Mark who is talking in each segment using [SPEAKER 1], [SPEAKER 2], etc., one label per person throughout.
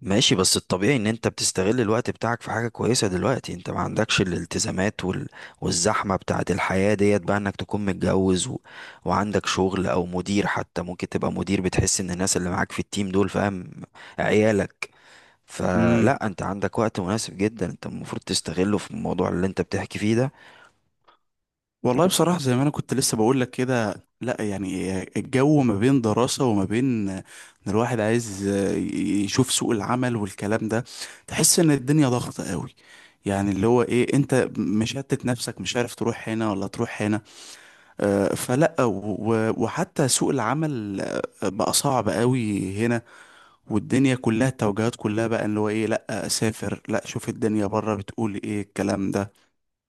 [SPEAKER 1] ماشي، بس الطبيعي ان انت بتستغل الوقت بتاعك في حاجة كويسة. دلوقتي انت ما عندكش الالتزامات وال... والزحمة بتاعت الحياة ديت، بقى انك تكون متجوز و... وعندك شغل، او مدير حتى ممكن تبقى مدير بتحس ان الناس اللي معاك في التيم دول فاهم عيالك.
[SPEAKER 2] امم
[SPEAKER 1] فلا، انت عندك وقت مناسب جدا، انت المفروض تستغله في الموضوع اللي انت بتحكي فيه ده.
[SPEAKER 2] والله بصراحة، زي ما أنا كنت لسه بقول لك كده، لا، يعني الجو ما بين دراسة وما بين إن الواحد عايز يشوف سوق العمل والكلام ده. تحس إن الدنيا ضغطة قوي، يعني اللي هو إيه، أنت مشتت نفسك، مش عارف تروح هنا ولا تروح هنا. آه، فلا و- وحتى سوق العمل، آه، بقى صعب قوي هنا. والدنيا كلها، التوجهات كلها بقى اللي هو إيه، لا أسافر، لا شوف الدنيا بره، بتقول إيه الكلام ده.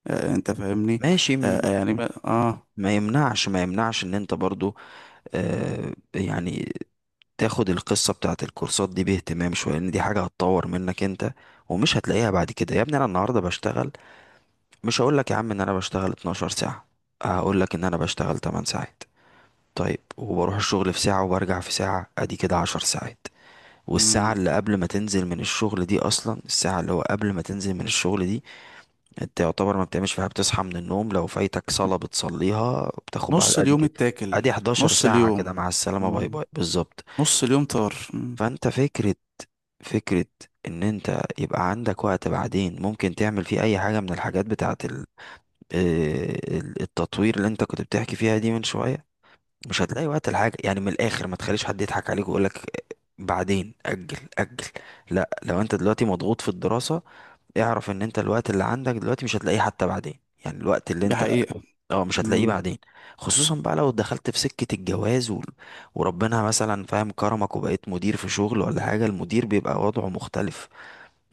[SPEAKER 2] آه، انت فاهمني.
[SPEAKER 1] ماشي،
[SPEAKER 2] آه، آه، يعني
[SPEAKER 1] ما يمنعش ان انت برضو، آه يعني تاخد القصة بتاعت الكورسات دي باهتمام شوية، لأن دي حاجة هتطور منك أنت. ومش هتلاقيها بعد كده يا ابني. أنا النهاردة بشتغل، مش هقولك يا عم إن أنا بشتغل 12 ساعة، هقولك إن أنا بشتغل 8 ساعات. طيب، وبروح الشغل في ساعة وبرجع في ساعة، أدي كده 10 ساعات. والساعة
[SPEAKER 2] مم.
[SPEAKER 1] اللي قبل ما تنزل من الشغل دي أصلا، الساعة اللي هو قبل ما تنزل من الشغل دي، أنت يعتبر ما بتعملش فيها. بتصحى من النوم، لو فايتك صلاة بتصليها، بتاخد بعد
[SPEAKER 2] نص
[SPEAKER 1] أدي
[SPEAKER 2] اليوم
[SPEAKER 1] كده،
[SPEAKER 2] اتاكل.
[SPEAKER 1] أدي 11
[SPEAKER 2] نص
[SPEAKER 1] ساعة كده.
[SPEAKER 2] اليوم.
[SPEAKER 1] مع السلامة، باي
[SPEAKER 2] مم.
[SPEAKER 1] باي، بالظبط.
[SPEAKER 2] نص اليوم طار. مم.
[SPEAKER 1] فأنت فكرة ان انت يبقى عندك وقت بعدين ممكن تعمل فيه اي حاجة من الحاجات بتاعة التطوير اللي انت كنت بتحكي فيها دي من شوية. مش هتلاقي وقت الحاجة، يعني من الاخر، ما تخليش حد يضحك عليك ويقولك بعدين، اجل اجل. لا، لو انت دلوقتي مضغوط في الدراسة، اعرف ان انت الوقت اللي عندك دلوقتي مش هتلاقيه حتى بعدين. يعني الوقت اللي
[SPEAKER 2] دي
[SPEAKER 1] انت،
[SPEAKER 2] حقيقة.
[SPEAKER 1] اه، مش هتلاقيه
[SPEAKER 2] مم.
[SPEAKER 1] بعدين. خصوصا بقى لو دخلت في سكة الجواز و... وربنا مثلا فاهم كرمك وبقيت مدير في شغل ولا حاجة، المدير بيبقى وضعه مختلف.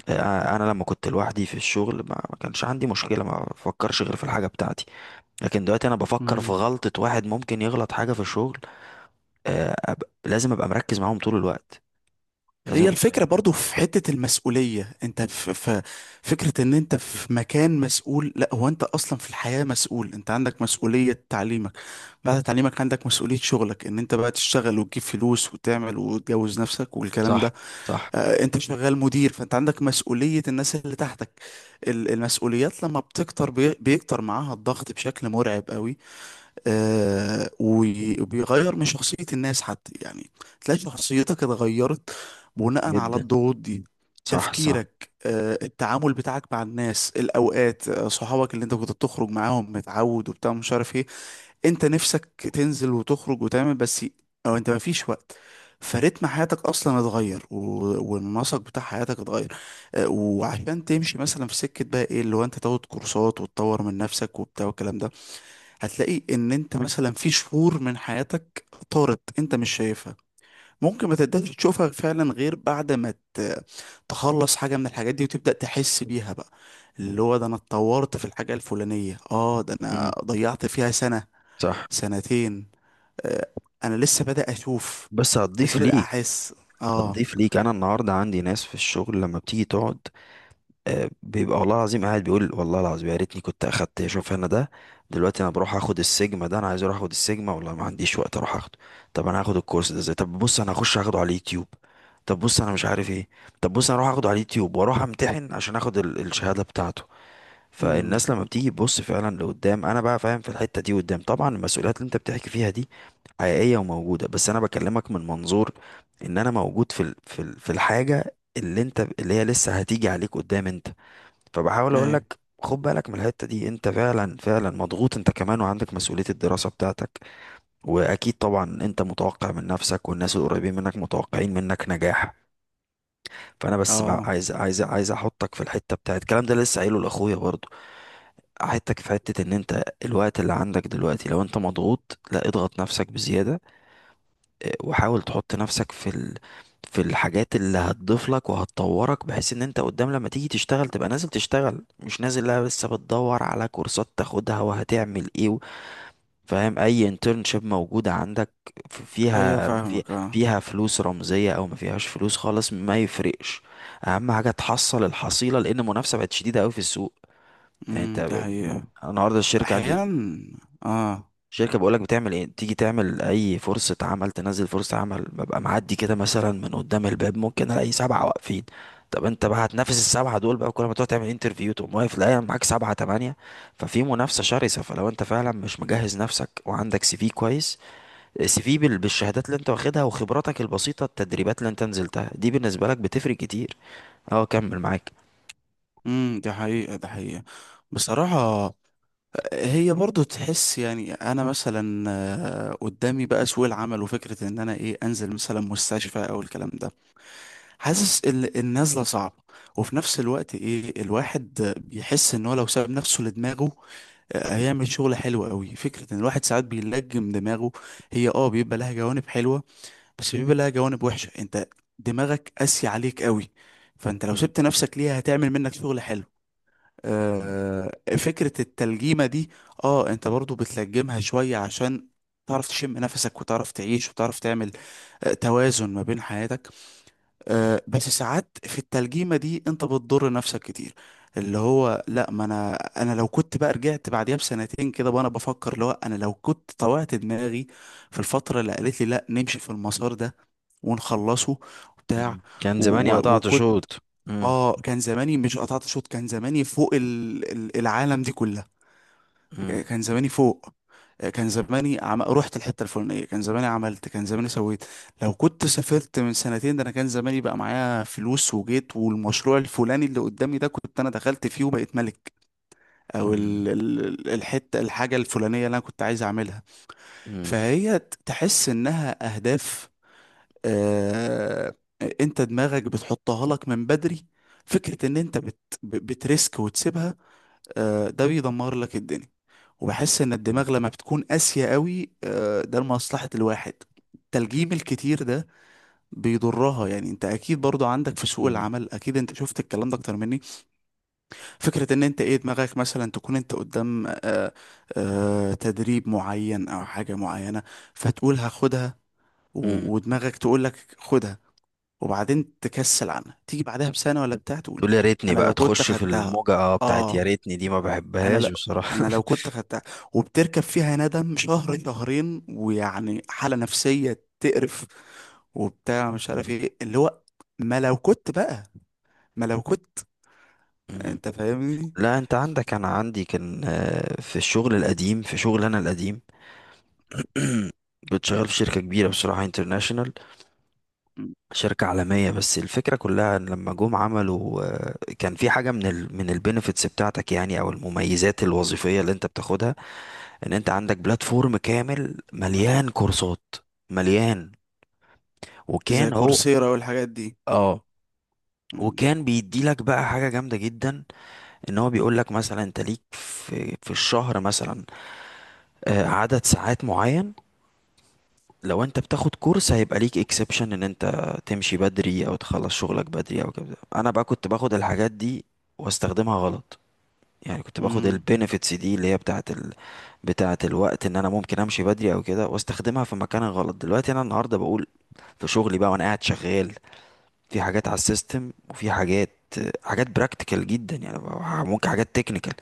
[SPEAKER 1] انا لما كنت لوحدي في الشغل ما كانش عندي مشكله، ما بفكرش غير في الحاجه بتاعتي. لكن دلوقتي انا بفكر في
[SPEAKER 2] مم.
[SPEAKER 1] غلطه، واحد ممكن يغلط حاجه في الشغل. لازم ابقى مركز معاهم طول الوقت، لازم
[SPEAKER 2] هي
[SPEAKER 1] ابقى فاهم.
[SPEAKER 2] الفكرة برضو في حتة المسؤولية، انت في فكرة ان انت في مكان مسؤول. لا، هو انت اصلا في الحياة مسؤول، انت عندك مسؤولية تعليمك، بعد تعليمك عندك مسؤولية شغلك، ان انت بقى تشتغل وتجيب فلوس وتعمل وتجوز نفسك والكلام
[SPEAKER 1] صح،
[SPEAKER 2] ده.
[SPEAKER 1] صح
[SPEAKER 2] آه، انت شغال مدير، فانت عندك مسؤولية الناس اللي تحتك. المسؤوليات لما بتكتر، بيكتر معاها الضغط بشكل مرعب قوي. آه، وبيغير من شخصية الناس حتى، يعني تلاقي شخصيتك اتغيرت بناء على
[SPEAKER 1] جدا،
[SPEAKER 2] الضغوط دي.
[SPEAKER 1] صح، صح،
[SPEAKER 2] تفكيرك، آه، التعامل بتاعك مع الناس الأوقات، آه، صحابك اللي انت كنت بتخرج معاهم متعود وبتاع مش عارف ايه، انت نفسك تنزل وتخرج وتعمل بس او انت مفيش وقت. فريتم حياتك اصلا اتغير، والنسق بتاع حياتك اتغير. اه، وعشان تمشي مثلا في سكه بقى ايه اللي هو انت تاخد كورسات وتطور من نفسك وبتاع والكلام ده. هتلاقي ان انت مثلا في شهور من حياتك طارت انت مش شايفها، ممكن ما تقدرش تشوفها فعلا غير بعد ما تخلص حاجه من الحاجات دي وتبدا تحس بيها بقى، اللي هو ده انا اتطورت في الحاجه الفلانيه، اه ده انا
[SPEAKER 1] امم،
[SPEAKER 2] ضيعت فيها سنه،
[SPEAKER 1] صح.
[SPEAKER 2] سنتين. آه، انا لسه بدأ اشوف،
[SPEAKER 1] بس هتضيف
[SPEAKER 2] لسه بدأ
[SPEAKER 1] ليك،
[SPEAKER 2] احس. اه.
[SPEAKER 1] هتضيف ليك. انا النهارده عندي ناس في الشغل لما بتيجي تقعد، بيبقى والله العظيم قاعد بيقول، والله العظيم يا ريتني كنت اخدت شوف انا ده. دلوقتي انا بروح اخد السيجما ده، انا عايز اروح اخد السيجما، والله ما عنديش وقت اروح اخده. طب انا هاخد الكورس ده ازاي؟ طب بص، انا هخش اخده على اليوتيوب. طب بص، انا مش عارف ايه. طب بص، انا اروح اخده على اليوتيوب واروح امتحن عشان اخد الشهادة بتاعته.
[SPEAKER 2] امم.
[SPEAKER 1] فالناس لما بتيجي تبص فعلا لقدام، انا بقى فاهم في الحتة دي قدام. طبعا المسؤوليات اللي انت بتحكي فيها دي حقيقية وموجودة، بس انا بكلمك من منظور ان انا موجود في الحاجة اللي انت، اللي هي لسه هتيجي عليك قدام انت. فبحاول اقول
[SPEAKER 2] ايه.
[SPEAKER 1] لك خد بالك من الحتة دي، انت فعلا فعلا مضغوط انت كمان، وعندك مسؤولية الدراسة بتاعتك. واكيد طبعا انت متوقع من نفسك، والناس القريبين منك متوقعين منك نجاح. فانا بس بقى
[SPEAKER 2] اه.
[SPEAKER 1] عايز، عايز احطك في الحتة بتاعت الكلام ده، لسه قايله لاخويا برضو. احطك في حتة ان انت الوقت اللي عندك دلوقتي، لو انت مضغوط لا اضغط نفسك بزيادة، وحاول تحط نفسك في ال... في الحاجات اللي هتضيف لك وهتطورك، بحيث ان انت قدام لما تيجي تشتغل تبقى نازل تشتغل، مش نازل لا لسه بتدور على كورسات تاخدها وهتعمل ايه فاهم. اي انترنشيب موجودة عندك
[SPEAKER 2] ايوه
[SPEAKER 1] فيها في...
[SPEAKER 2] فاهمك. اه.
[SPEAKER 1] فيها فلوس رمزية او ما فيهاش فلوس خالص، ما يفرقش. اهم حاجة تحصل الحصيلة، لان المنافسة بقت شديدة قوي في السوق. يعني انت
[SPEAKER 2] دي حقيقة.
[SPEAKER 1] النهارده الشركة عندي،
[SPEAKER 2] احيانا. اه.
[SPEAKER 1] شركة، بقولك بتعمل ايه، تيجي تعمل اي فرصة عمل، تنزل فرصة عمل، ببقى معدي كده مثلا من قدام الباب ممكن الاقي 7 واقفين. طب انت بقى هتنافس ال7 دول بقى، كل ما تقعد تعمل انترفيو تقوم واقف، لا معاك 7 8. ففي منافسة شرسة، فلو انت فعلا مش مجهز نفسك وعندك سي في كويس، سي في بالشهادات اللي انت واخدها وخبراتك البسيطة، التدريبات اللي انت نزلتها دي بالنسبة لك بتفرق كتير. اه، كمل معاك.
[SPEAKER 2] دي حقيقة، دي حقيقة، بصراحة. هي برضو تحس، يعني انا مثلا، آه، قدامي بقى سوق العمل، وفكرة ان انا ايه، انزل مثلا مستشفى او الكلام ده. حاسس النازله صعبه. وفي نفس الوقت ايه، الواحد بيحس ان هو لو ساب نفسه لدماغه، آه، هيعمل شغل حلو قوي. فكره ان الواحد ساعات بيلجم دماغه. هي اه بيبقى لها جوانب حلوه، بس بيبقى لها جوانب وحشه. انت دماغك قاسي عليك قوي، فانت لو
[SPEAKER 1] مم،
[SPEAKER 2] سبت نفسك ليها هتعمل منك شغل حلو.
[SPEAKER 1] مم،
[SPEAKER 2] آه، فكره التلجيمه دي، اه انت برضو بتلجمها شويه عشان تعرف تشم نفسك وتعرف تعيش وتعرف تعمل، آه، توازن ما بين حياتك. آه، بس ساعات في التلجيمة دي انت بتضر نفسك كتير. اللي هو لا، ما انا انا لو كنت بقى رجعت بعديها بسنتين كده وانا بفكر اللي هو انا لو كنت طوعت دماغي في الفترة اللي قالت لي لا نمشي في المسار ده، ونخلصه، بتاع،
[SPEAKER 1] مم. كان
[SPEAKER 2] و-
[SPEAKER 1] زماني
[SPEAKER 2] و-
[SPEAKER 1] قطعت
[SPEAKER 2] وكنت.
[SPEAKER 1] شوط. مم،
[SPEAKER 2] اه، كان زماني مش قطعت شوط، كان زماني فوق العالم دي كلها.
[SPEAKER 1] مم،
[SPEAKER 2] كان زماني فوق. كان زماني رحت الحته الفلانيه، كان زماني عملت، كان زماني سويت. لو كنت سافرت من سنتين، ده انا كان زماني بقى معايا فلوس وجيت، والمشروع الفلاني اللي قدامي ده كنت انا دخلت فيه وبقيت ملك. او
[SPEAKER 1] مم،
[SPEAKER 2] الحته، الحاجه الفلانيه اللي انا كنت عايز اعملها.
[SPEAKER 1] مم،
[SPEAKER 2] فهي تحس انها اهداف، آه، انت دماغك بتحطها لك من بدري. فكره ان انت بتريسك وتسيبها، آه، ده بيدمر لك الدنيا. وبحس ان الدماغ لما بتكون قاسية قوي، آه، ده لمصلحة الواحد. التلجيم الكتير ده بيضرها، يعني انت اكيد برضو عندك في سوق
[SPEAKER 1] مم،
[SPEAKER 2] العمل، اكيد انت شفت الكلام ده اكتر مني. فكرة ان انت ايه، دماغك مثلا تكون انت قدام، آه، آه، تدريب معين او حاجة معينة، فتقول هاخدها،
[SPEAKER 1] مم.
[SPEAKER 2] ودماغك تقول لك خدها، وبعدين تكسل عنها، تيجي بعدها بسنة ولا بتاع تقول،
[SPEAKER 1] تقول يا ريتني
[SPEAKER 2] انا لو
[SPEAKER 1] بقى،
[SPEAKER 2] كنت
[SPEAKER 1] تخش في
[SPEAKER 2] خدتها،
[SPEAKER 1] الموجة، اه بتاعت يا
[SPEAKER 2] اه.
[SPEAKER 1] ريتني دي ما
[SPEAKER 2] انا
[SPEAKER 1] بحبهاش
[SPEAKER 2] لو
[SPEAKER 1] بصراحة.
[SPEAKER 2] انا لو كنت خدتها، وبتركب فيها ندم شهر شهرين، ويعني حالة نفسية تقرف، وبتاع مش
[SPEAKER 1] مم.
[SPEAKER 2] عارف ايه اللي هو. ما لو كنت بقى ما لو كنت.
[SPEAKER 1] مم.
[SPEAKER 2] انت فاهمني.
[SPEAKER 1] لا انت عندك، انا عندي كان، في الشغل القديم، في شغل انا القديم، كنت شغال في شركة كبيرة بصراحة، انترناشونال،
[SPEAKER 2] م.
[SPEAKER 1] شركة عالمية. بس الفكرة كلها ان لما جم عملوا، كان في حاجة من ال من البينيفيتس بتاعتك يعني، او المميزات الوظيفية اللي انت بتاخدها، ان انت عندك بلاتفورم كامل مليان كورسات، مليان.
[SPEAKER 2] زي
[SPEAKER 1] وكان هو
[SPEAKER 2] كورسيرا والحاجات دي.
[SPEAKER 1] اه
[SPEAKER 2] م.
[SPEAKER 1] وكان بيديلك بقى حاجة جامدة جدا. ان هو بيقول لك مثلا انت ليك في الشهر مثلا، عدد ساعات معين. لو انت بتاخد كورس هيبقى ليك اكسبشن ان انت تمشي بدري او تخلص شغلك بدري او كده. انا بقى كنت باخد الحاجات دي واستخدمها غلط. يعني كنت باخد
[SPEAKER 2] م.
[SPEAKER 1] البينيفيتس دي اللي هي بتاعه ال... بتاعه الوقت، ان انا ممكن امشي بدري او كده، واستخدمها في مكان غلط. دلوقتي انا النهارده بقول في شغلي بقى، وانا قاعد شغال، في حاجات على السيستم وفي حاجات، حاجات براكتيكال جدا يعني، ممكن حاجات تكنيكال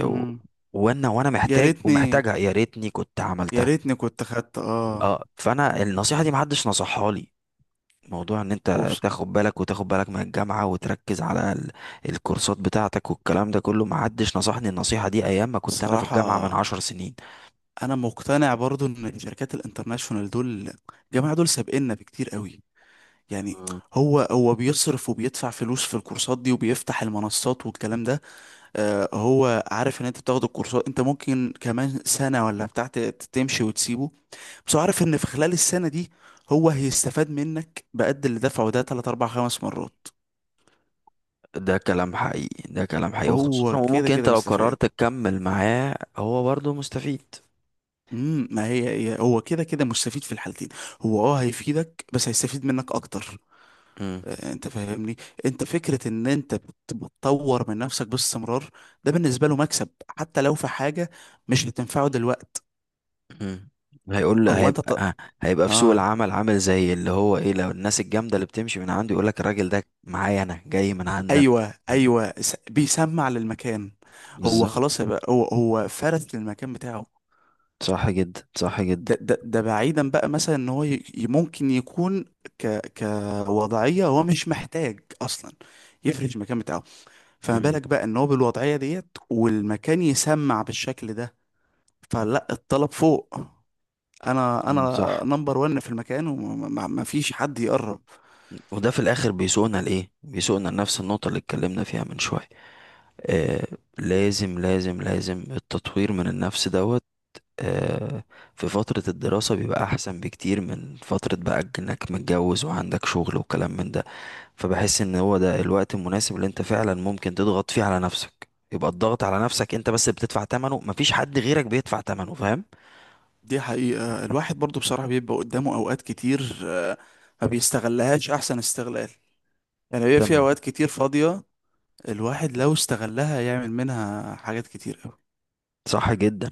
[SPEAKER 1] و-
[SPEAKER 2] م.
[SPEAKER 1] وانا
[SPEAKER 2] يا
[SPEAKER 1] محتاج
[SPEAKER 2] ريتني،
[SPEAKER 1] ومحتاجها، يا ريتني كنت
[SPEAKER 2] يا
[SPEAKER 1] عملتها.
[SPEAKER 2] ريتني كنت خدت، اه.
[SPEAKER 1] اه، فانا النصيحه دي محدش نصحها لي، موضوع ان انت تاخد بالك وتاخد بالك من الجامعه وتركز على الكورسات بتاعتك والكلام ده كله، محدش نصحني النصيحه دي ايام ما كنت انا في الجامعه من
[SPEAKER 2] وبصراحة،
[SPEAKER 1] 10 سنين.
[SPEAKER 2] انا مقتنع برضو ان الشركات الانترناشونال دول، الجماعة دول سابقنا بكتير قوي، يعني.
[SPEAKER 1] مم.
[SPEAKER 2] هو بيصرف وبيدفع فلوس في الكورسات دي وبيفتح المنصات والكلام ده. آه، هو عارف ان انت بتاخد الكورسات، انت ممكن كمان سنة ولا بتاع تمشي وتسيبه. بس هو عارف ان في خلال السنة دي هو هيستفاد منك بقد اللي دفعه ده 3 4 5 مرات.
[SPEAKER 1] ده كلام حقيقي، ده كلام حقيقي، وخصوصا
[SPEAKER 2] هو كده
[SPEAKER 1] وممكن انت
[SPEAKER 2] كده
[SPEAKER 1] لو
[SPEAKER 2] مستفاد.
[SPEAKER 1] قررت تكمل معاه هو برضه مستفيد.
[SPEAKER 2] امم، ما هي، هو كده كده مستفيد في الحالتين. هو اه هيفيدك بس هيستفيد منك اكتر.
[SPEAKER 1] مم.
[SPEAKER 2] آه، انت فاهمني. انت فكرة ان انت بتطور من نفسك باستمرار، ده بالنسبة له مكسب، حتى لو في حاجة مش بتنفعه دلوقت.
[SPEAKER 1] مم. هيقول له-
[SPEAKER 2] هو انت
[SPEAKER 1] هيبقى ه- هيبقى في سوق
[SPEAKER 2] اه،
[SPEAKER 1] العمل عامل زي اللي هو ايه، لو الناس الجامده اللي بتمشي من عنده، يقول لك الراجل ده معايا انا، جاي من عندنا،
[SPEAKER 2] ايوه
[SPEAKER 1] فاهم؟
[SPEAKER 2] ايوه، بيسمع للمكان. هو
[SPEAKER 1] بالظبط.
[SPEAKER 2] خلاص بقى، هو فرس للمكان بتاعه.
[SPEAKER 1] صح جدا، صح جدا.
[SPEAKER 2] ده بعيدا بقى مثلا ان هو ممكن يكون كوضعية، هو مش محتاج اصلا يفرش المكان بتاعه. فما
[SPEAKER 1] مم.
[SPEAKER 2] بالك بقى ان هو بالوضعية ديت والمكان يسمع بالشكل ده. فلا، الطلب فوق. انا
[SPEAKER 1] مم.
[SPEAKER 2] انا
[SPEAKER 1] صح.
[SPEAKER 2] نمبر ون في المكان وما فيش حد يقرب.
[SPEAKER 1] وده في الاخر بيسوقنا لايه، بيسوقنا لنفس النقطه اللي اتكلمنا فيها من شويه. آه، لازم لازم لازم التطوير من النفس دوت. آه، في فترة الدراسة بيبقى أحسن بكتير من فترة بقى إنك متجوز وعندك شغل وكلام من ده. فبحس إن هو ده الوقت المناسب اللي أنت فعلا ممكن تضغط فيه على نفسك. يبقى الضغط على نفسك أنت بس بتدفع تمنه، مفيش حد غيرك بيدفع تمنه، فاهم؟
[SPEAKER 2] دي حقيقة، الواحد برضو بصراحة بيبقى قدامه اوقات كتير، آه، ما بيستغلهاش احسن استغلال. يعني هي في
[SPEAKER 1] تمام.
[SPEAKER 2] اوقات كتير فاضية، الواحد لو استغلها يعمل منها حاجات كتير.
[SPEAKER 1] صح جدا.